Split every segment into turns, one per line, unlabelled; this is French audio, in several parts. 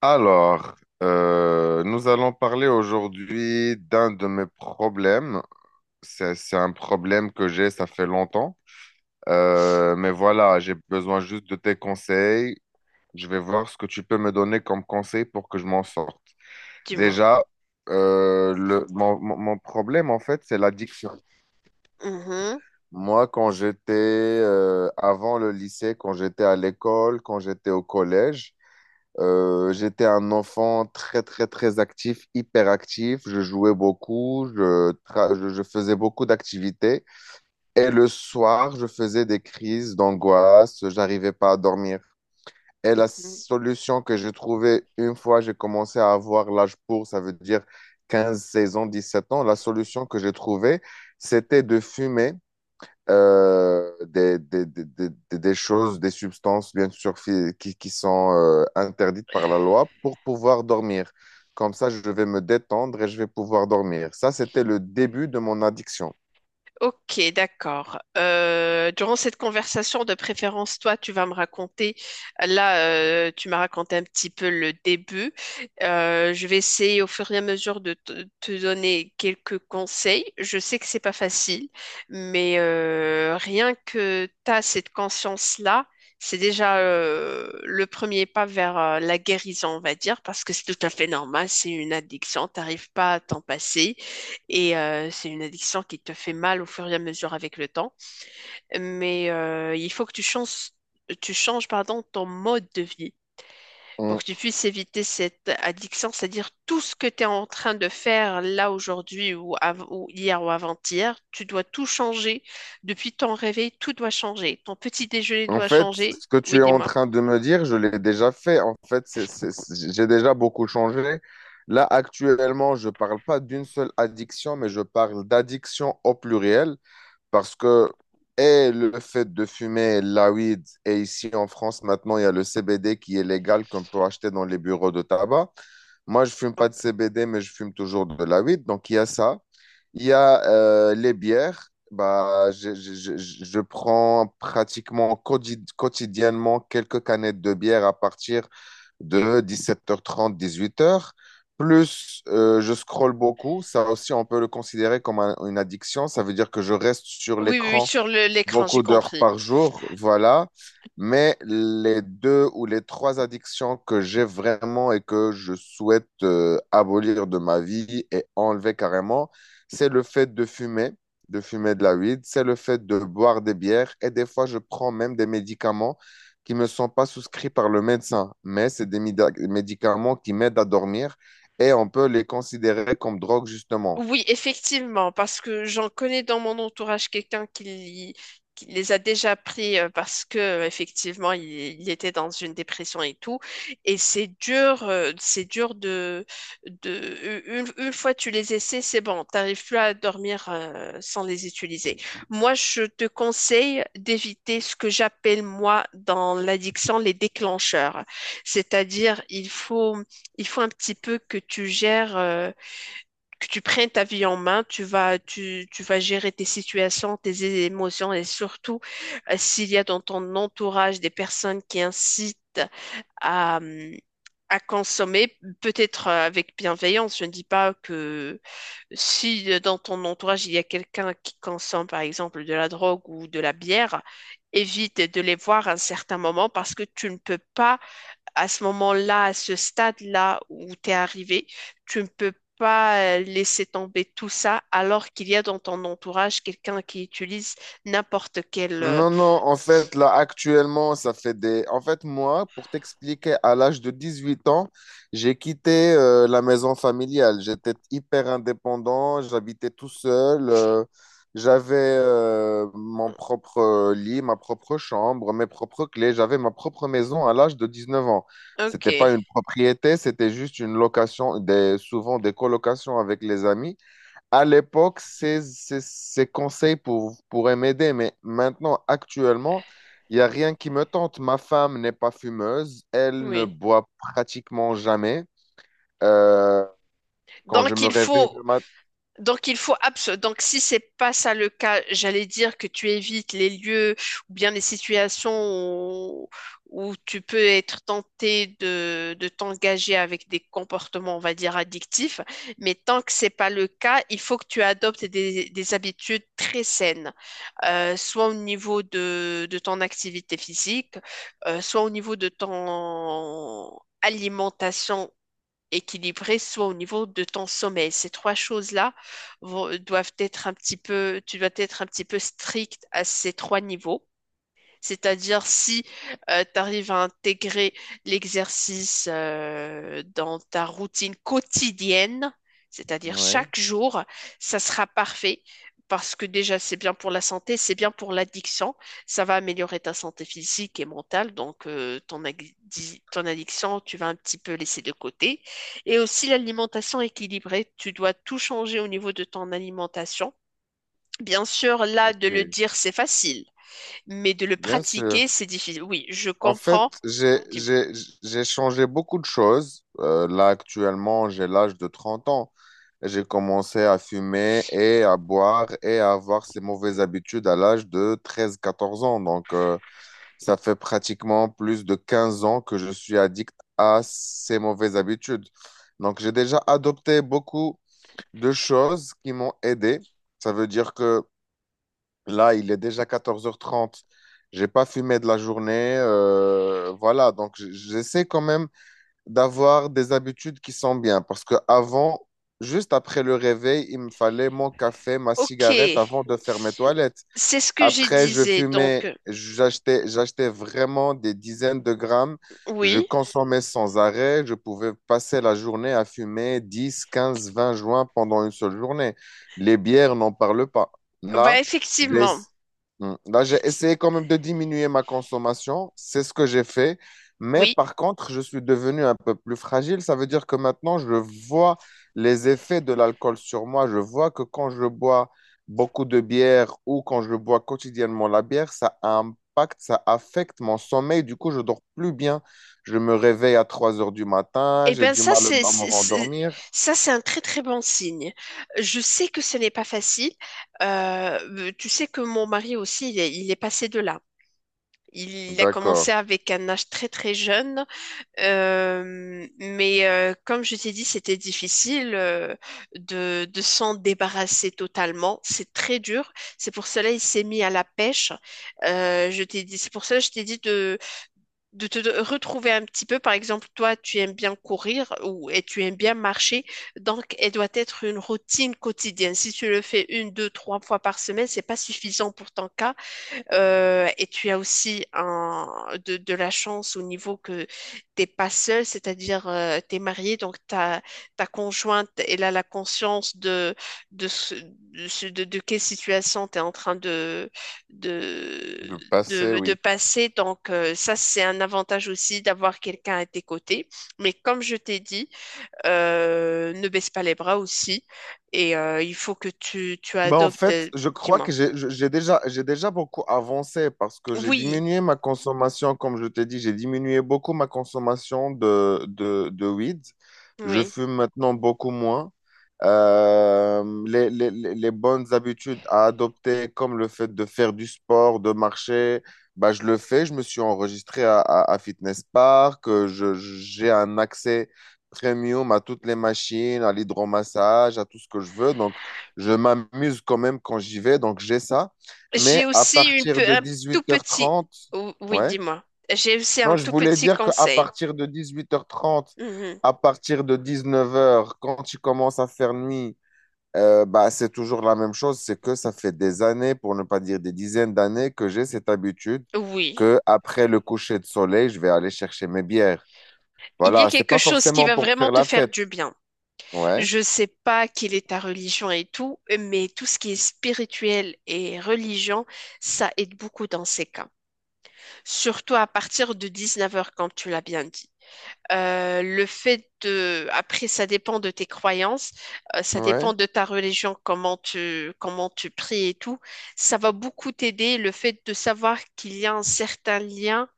Alors, nous allons parler aujourd'hui d'un de mes problèmes. C'est un problème que j'ai, ça fait longtemps. Mais voilà, j'ai besoin juste de tes conseils. Je vais voir ce que tu peux me donner comme conseil pour que je m'en sorte.
Dis-moi.
Déjà, mon problème, en fait, c'est l'addiction.
Mhm,
Moi, quand j'étais avant le lycée, quand j'étais à l'école, quand j'étais au collège, j'étais un enfant très, très, très actif, hyper actif. Je jouais beaucoup, je faisais beaucoup d'activités. Et le soir, je faisais des crises d'angoisse, j'arrivais pas à dormir. Et la
mhm.
solution que j'ai trouvée une fois j'ai commencé à avoir l'âge pour, ça veut dire 15 16 ans, 17 ans, la solution que j'ai trouvée, c'était de fumer des choses, des substances, bien sûr, qui sont interdites par la loi pour pouvoir dormir. Comme ça, je vais me détendre et je vais pouvoir dormir. Ça, c'était le début de mon addiction.
Ok, d'accord. Durant cette conversation, de préférence, toi, tu vas me raconter. Là, tu m'as raconté un petit peu le début. Je vais essayer au fur et à mesure de te donner quelques conseils. Je sais que c'est pas facile, mais rien que tu as cette conscience-là, c'est déjà le premier pas vers la guérison, on va dire, parce que c'est tout à fait normal. C'est une addiction. T'arrives pas à t'en passer. Et c'est une addiction qui te fait mal au fur et à mesure avec le temps. Mais il faut que tu changes, pardon, ton mode de vie pour que
Mm.
tu puisses éviter cette addiction, c'est-à-dire tout ce que tu es en train de faire là aujourd'hui ou, ou hier ou avant-hier, tu dois tout changer. Depuis ton réveil, tout doit changer. Ton petit déjeuner
En
doit
fait,
changer.
ce que tu
Oui,
es en
dis-moi.
train de me dire, je l'ai déjà fait. En fait, j'ai déjà beaucoup changé. Là, actuellement, je ne parle pas d'une seule addiction, mais je parle d'addiction au pluriel parce que et le fait de fumer la weed, et ici en France, maintenant, il y a le CBD qui est légal qu'on peut acheter dans les bureaux de tabac. Moi, je fume pas de CBD, mais je fume toujours de la weed. Donc, il y a ça. Il y a les bières. Bah, je prends pratiquement quotidiennement quelques canettes de bière à partir de 17h30, 18h. Plus, je scrolle beaucoup. Ça aussi, on peut le considérer comme une addiction. Ça veut dire que je reste sur
Oui, oui, oui,
l'écran
sur l'écran, j'ai
beaucoup d'heures
compris.
par jour, voilà. Mais les deux ou les trois addictions que j'ai vraiment et que je souhaite abolir de ma vie et enlever carrément, c'est le fait de fumer, de fumer de la weed, c'est le fait de boire des bières et des fois je prends même des médicaments qui ne me sont pas souscrits par le médecin, mais c'est des médicaments qui m'aident à dormir et on peut les considérer comme drogue justement.
Oui, effectivement, parce que j'en connais dans mon entourage quelqu'un qui les a déjà pris parce que effectivement il était dans une dépression et tout. Et c'est dur de une fois tu les essaies, c'est bon, t'arrives plus à dormir sans les utiliser. Moi, je te conseille d'éviter ce que j'appelle moi dans l'addiction les déclencheurs. C'est-à-dire, il faut un petit peu que tu gères. Que tu prennes ta vie en main, tu vas, tu vas gérer tes situations, tes émotions et surtout s'il y a dans ton entourage des personnes qui incitent à, hum, à consommer, peut-être avec bienveillance. Je ne dis pas que si dans ton entourage il y a quelqu'un qui consomme par exemple de la drogue ou de la bière, évite de les voir à un certain moment parce que tu ne peux pas à ce moment-là, à ce stade-là où tu es arrivé, tu ne peux pas laisser tomber tout ça alors qu'il y a dans ton entourage quelqu'un qui utilise n'importe quel...
Non, non, en fait, là, actuellement, ça fait des... En fait, moi, pour t'expliquer, à l'âge de 18 ans, j'ai quitté la maison familiale. J'étais hyper indépendant, j'habitais tout seul, j'avais mon propre lit, ma propre chambre, mes propres clés, j'avais ma propre maison à l'âge de 19 ans. C'était
Ok,
pas une propriété, c'était juste une location, des... souvent des colocations avec les amis à l'époque, ces conseils pourraient m'aider, mais maintenant, actuellement, il n'y a rien qui me tente. Ma femme n'est pas fumeuse, elle ne
oui.
boit pratiquement jamais. Euh, Quand je
Donc
me
il
réveille le
faut.
matin.
Donc il faut donc si c'est pas ça le cas, j'allais dire que tu évites les lieux ou bien les situations où, où tu peux être tenté de t'engager avec des comportements, on va dire, addictifs. Mais tant que c'est pas le cas, il faut que tu adoptes des habitudes très saines, soit au niveau de ton activité physique, soit au niveau de ton alimentation équilibré, soit au niveau de ton sommeil. Ces trois choses-là doivent être un petit peu, tu dois être un petit peu strict à ces trois niveaux. C'est-à-dire si tu arrives à intégrer l'exercice dans ta routine quotidienne, c'est-à-dire
Oui,
chaque jour, ça sera parfait parce que déjà c'est bien pour la santé, c'est bien pour l'addiction, ça va améliorer ta santé physique et mentale, donc ton, addi, ton addiction, tu vas un petit peu laisser de côté. Et aussi l'alimentation équilibrée, tu dois tout changer au niveau de ton alimentation. Bien sûr, là, de le
ok,
dire, c'est facile mais de le
bien sûr.
pratiquer, c'est difficile. Oui, je
En fait,
comprends. Dis-
j'ai changé beaucoup de choses. Là, actuellement, j'ai l'âge de 30 ans. J'ai commencé à fumer et à boire et à avoir ces mauvaises habitudes à l'âge de 13 14 ans. Donc, ça fait pratiquement plus de 15 ans que je suis addict à ces mauvaises habitudes. Donc, j'ai déjà adopté beaucoup de choses qui m'ont aidé. Ça veut dire que là, il est déjà 14h30. J'ai pas fumé de la journée. Voilà. Donc, j'essaie quand même d'avoir des habitudes qui sont bien. Parce que avant, juste après le réveil, il me fallait mon café, ma
Ok,
cigarette avant de faire mes toilettes.
c'est ce que je
Après, je
disais. Donc,
fumais, j'achetais vraiment des dizaines de grammes. Je
oui,
consommais sans arrêt. Je pouvais passer la journée à fumer 10, 15, 20 joints pendant une seule journée. Les bières, n'en parle pas.
bah
Là, j'ai,
effectivement,
Hmm. Là, j'ai essayé quand même de diminuer ma consommation. C'est ce que j'ai fait. Mais
oui.
par contre, je suis devenu un peu plus fragile. Ça veut dire que maintenant, je vois les effets de l'alcool sur moi. Je vois que quand je bois beaucoup de bière ou quand je bois quotidiennement la bière, ça impacte, ça affecte mon sommeil. Du coup, je dors plus bien. Je me réveille à 3 heures du matin,
Eh
j'ai
bien,
du
ça,
mal
c'est,
à me
c'est-
rendormir.
ça, c'est un très, très bon signe. Je sais que ce n'est pas facile. Tu sais que mon mari aussi, il est passé de là. Il a
D'accord.
commencé avec un âge très, très jeune. Mais comme je t'ai dit, c'était difficile de s'en débarrasser totalement. C'est très dur. C'est pour cela il s'est mis à la pêche. Je t'ai dit, c'est pour cela je t'ai dit de te retrouver un petit peu. Par exemple, toi, tu aimes bien courir ou et tu aimes bien marcher. Donc, elle doit être une routine quotidienne. Si tu le fais une, deux, trois fois par semaine, c'est pas suffisant pour ton cas. Et tu as aussi un, de la chance au niveau que t'es pas seul, c'est-à-dire t'es marié, donc ta, ta conjointe, elle a la conscience de, de, de quelle situation tu es en train de,
De passer,
de
oui.
passer. Donc ça, c'est un avantage aussi d'avoir quelqu'un à tes côtés. Mais comme je t'ai dit, ne baisse pas les bras aussi. Et il faut que tu
Ben, en
adoptes,
fait, je crois
dis-moi.
que j'ai déjà beaucoup avancé parce que j'ai
Oui,
diminué ma consommation, comme je t'ai dit, j'ai diminué beaucoup ma consommation de, de weed. Je
oui.
fume maintenant beaucoup moins. Les les bonnes habitudes à adopter, comme le fait de faire du sport, de marcher, bah, je le fais. Je me suis enregistré à Fitness Park. J'ai un accès premium à toutes les machines, à l'hydromassage, à tout ce que je veux. Donc, je m'amuse quand même quand j'y vais, donc j'ai ça.
J'ai
Mais à
aussi une
partir de
un
dix-huit
tout
heures
petit.
trente,
Ou- Oui,
ouais.
dis-moi. J'ai aussi un
Non, je
tout
voulais
petit
dire qu'à
conseil.
partir de 18h30,
Mhm.
à partir de 19 heures, quand tu commences à faire nuit, bah, c'est toujours la même chose. C'est que ça fait des années, pour ne pas dire des dizaines d'années, que j'ai cette habitude
Oui.
que après le coucher de soleil, je vais aller chercher mes bières.
Il y a
Voilà, c'est
quelque
pas
chose qui
forcément
va
pour
vraiment
faire
te
la
faire
fête.
du bien.
Ouais,
Je sais pas quelle est ta religion et tout, mais tout ce qui est spirituel et religion, ça aide beaucoup dans ces cas. Surtout à partir de 19 heures comme tu l'as bien dit. Le fait de, après, ça dépend de tes croyances, ça
ouais.
dépend de ta religion, comment tu pries et tout. Ça va beaucoup t'aider le fait de savoir qu'il y a un certain lien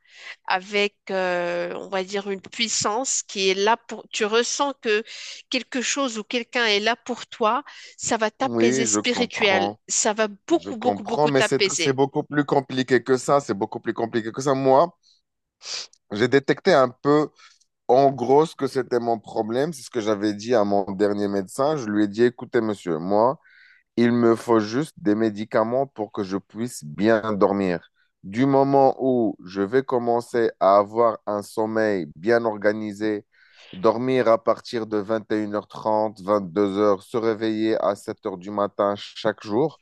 avec, on va dire, une puissance qui est là pour, tu ressens que quelque chose ou quelqu'un est là pour toi, ça va t'apaiser
Oui, je
spirituel,
comprends.
ça va
Je
beaucoup, beaucoup,
comprends,
beaucoup
mais c'est
t'apaiser.
beaucoup plus compliqué que ça. C'est beaucoup plus compliqué que ça. Moi, j'ai détecté un peu, en gros, ce que c'était mon problème. C'est ce que j'avais dit à mon dernier médecin. Je lui ai dit, écoutez, monsieur, moi, il me faut juste des médicaments pour que je puisse bien dormir. Du moment où je vais commencer à avoir un sommeil bien organisé, dormir à partir de 21h30, 22h, se réveiller à 7h du matin chaque jour,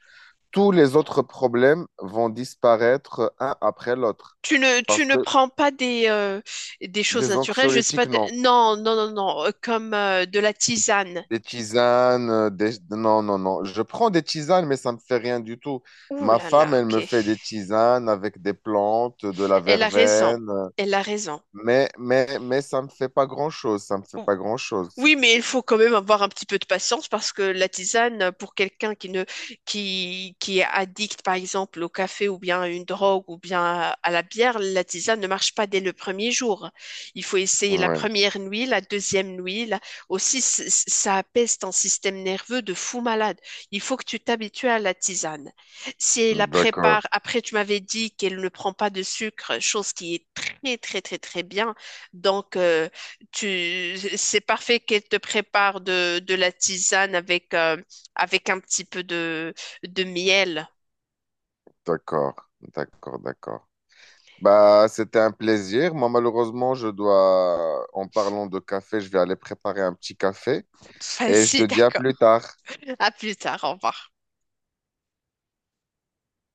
tous les autres problèmes vont disparaître un après l'autre. Parce
Tu ne
que
prends pas des, des choses
des
naturelles, je sais pas.
anxiolytiques,
De-
non.
Non, non, non, non, comme de la tisane.
Des tisanes, non, non, non. Je prends des tisanes, mais ça me fait rien du tout.
Ouh
Ma
là
femme,
là,
elle me
ok.
fait des tisanes avec des plantes, de la
Elle a raison.
verveine,
Elle a raison.
mais, mais ça me fait pas grand-chose. Ça me fait pas grand-chose.
Oui, mais il faut quand même avoir un petit peu de patience parce que la tisane, pour quelqu'un qui ne, qui est addict, par exemple, au café ou bien à une drogue ou bien à la bière, la tisane ne marche pas dès le premier jour. Il faut essayer la
Ouais,
première nuit, la deuxième nuit. La- Aussi, c- c- ça apaise ton système nerveux de fou malade. Il faut que tu t'habitues à la tisane. Si elle la
d'accord,
prépare, après, tu m'avais dit qu'elle ne prend pas de sucre, chose qui est très, très, très, très bien. Donc, tu, c'est parfait qu'elle te prépare de la tisane avec, avec un petit peu de miel.
d'accord, d'accord, d'accord. Bah, c'était un plaisir. Moi, malheureusement, je dois, en parlant de café, je vais aller préparer un petit café. Et je te
Vas-y,
dis à
d'accord.
plus tard.
À plus tard, au revoir.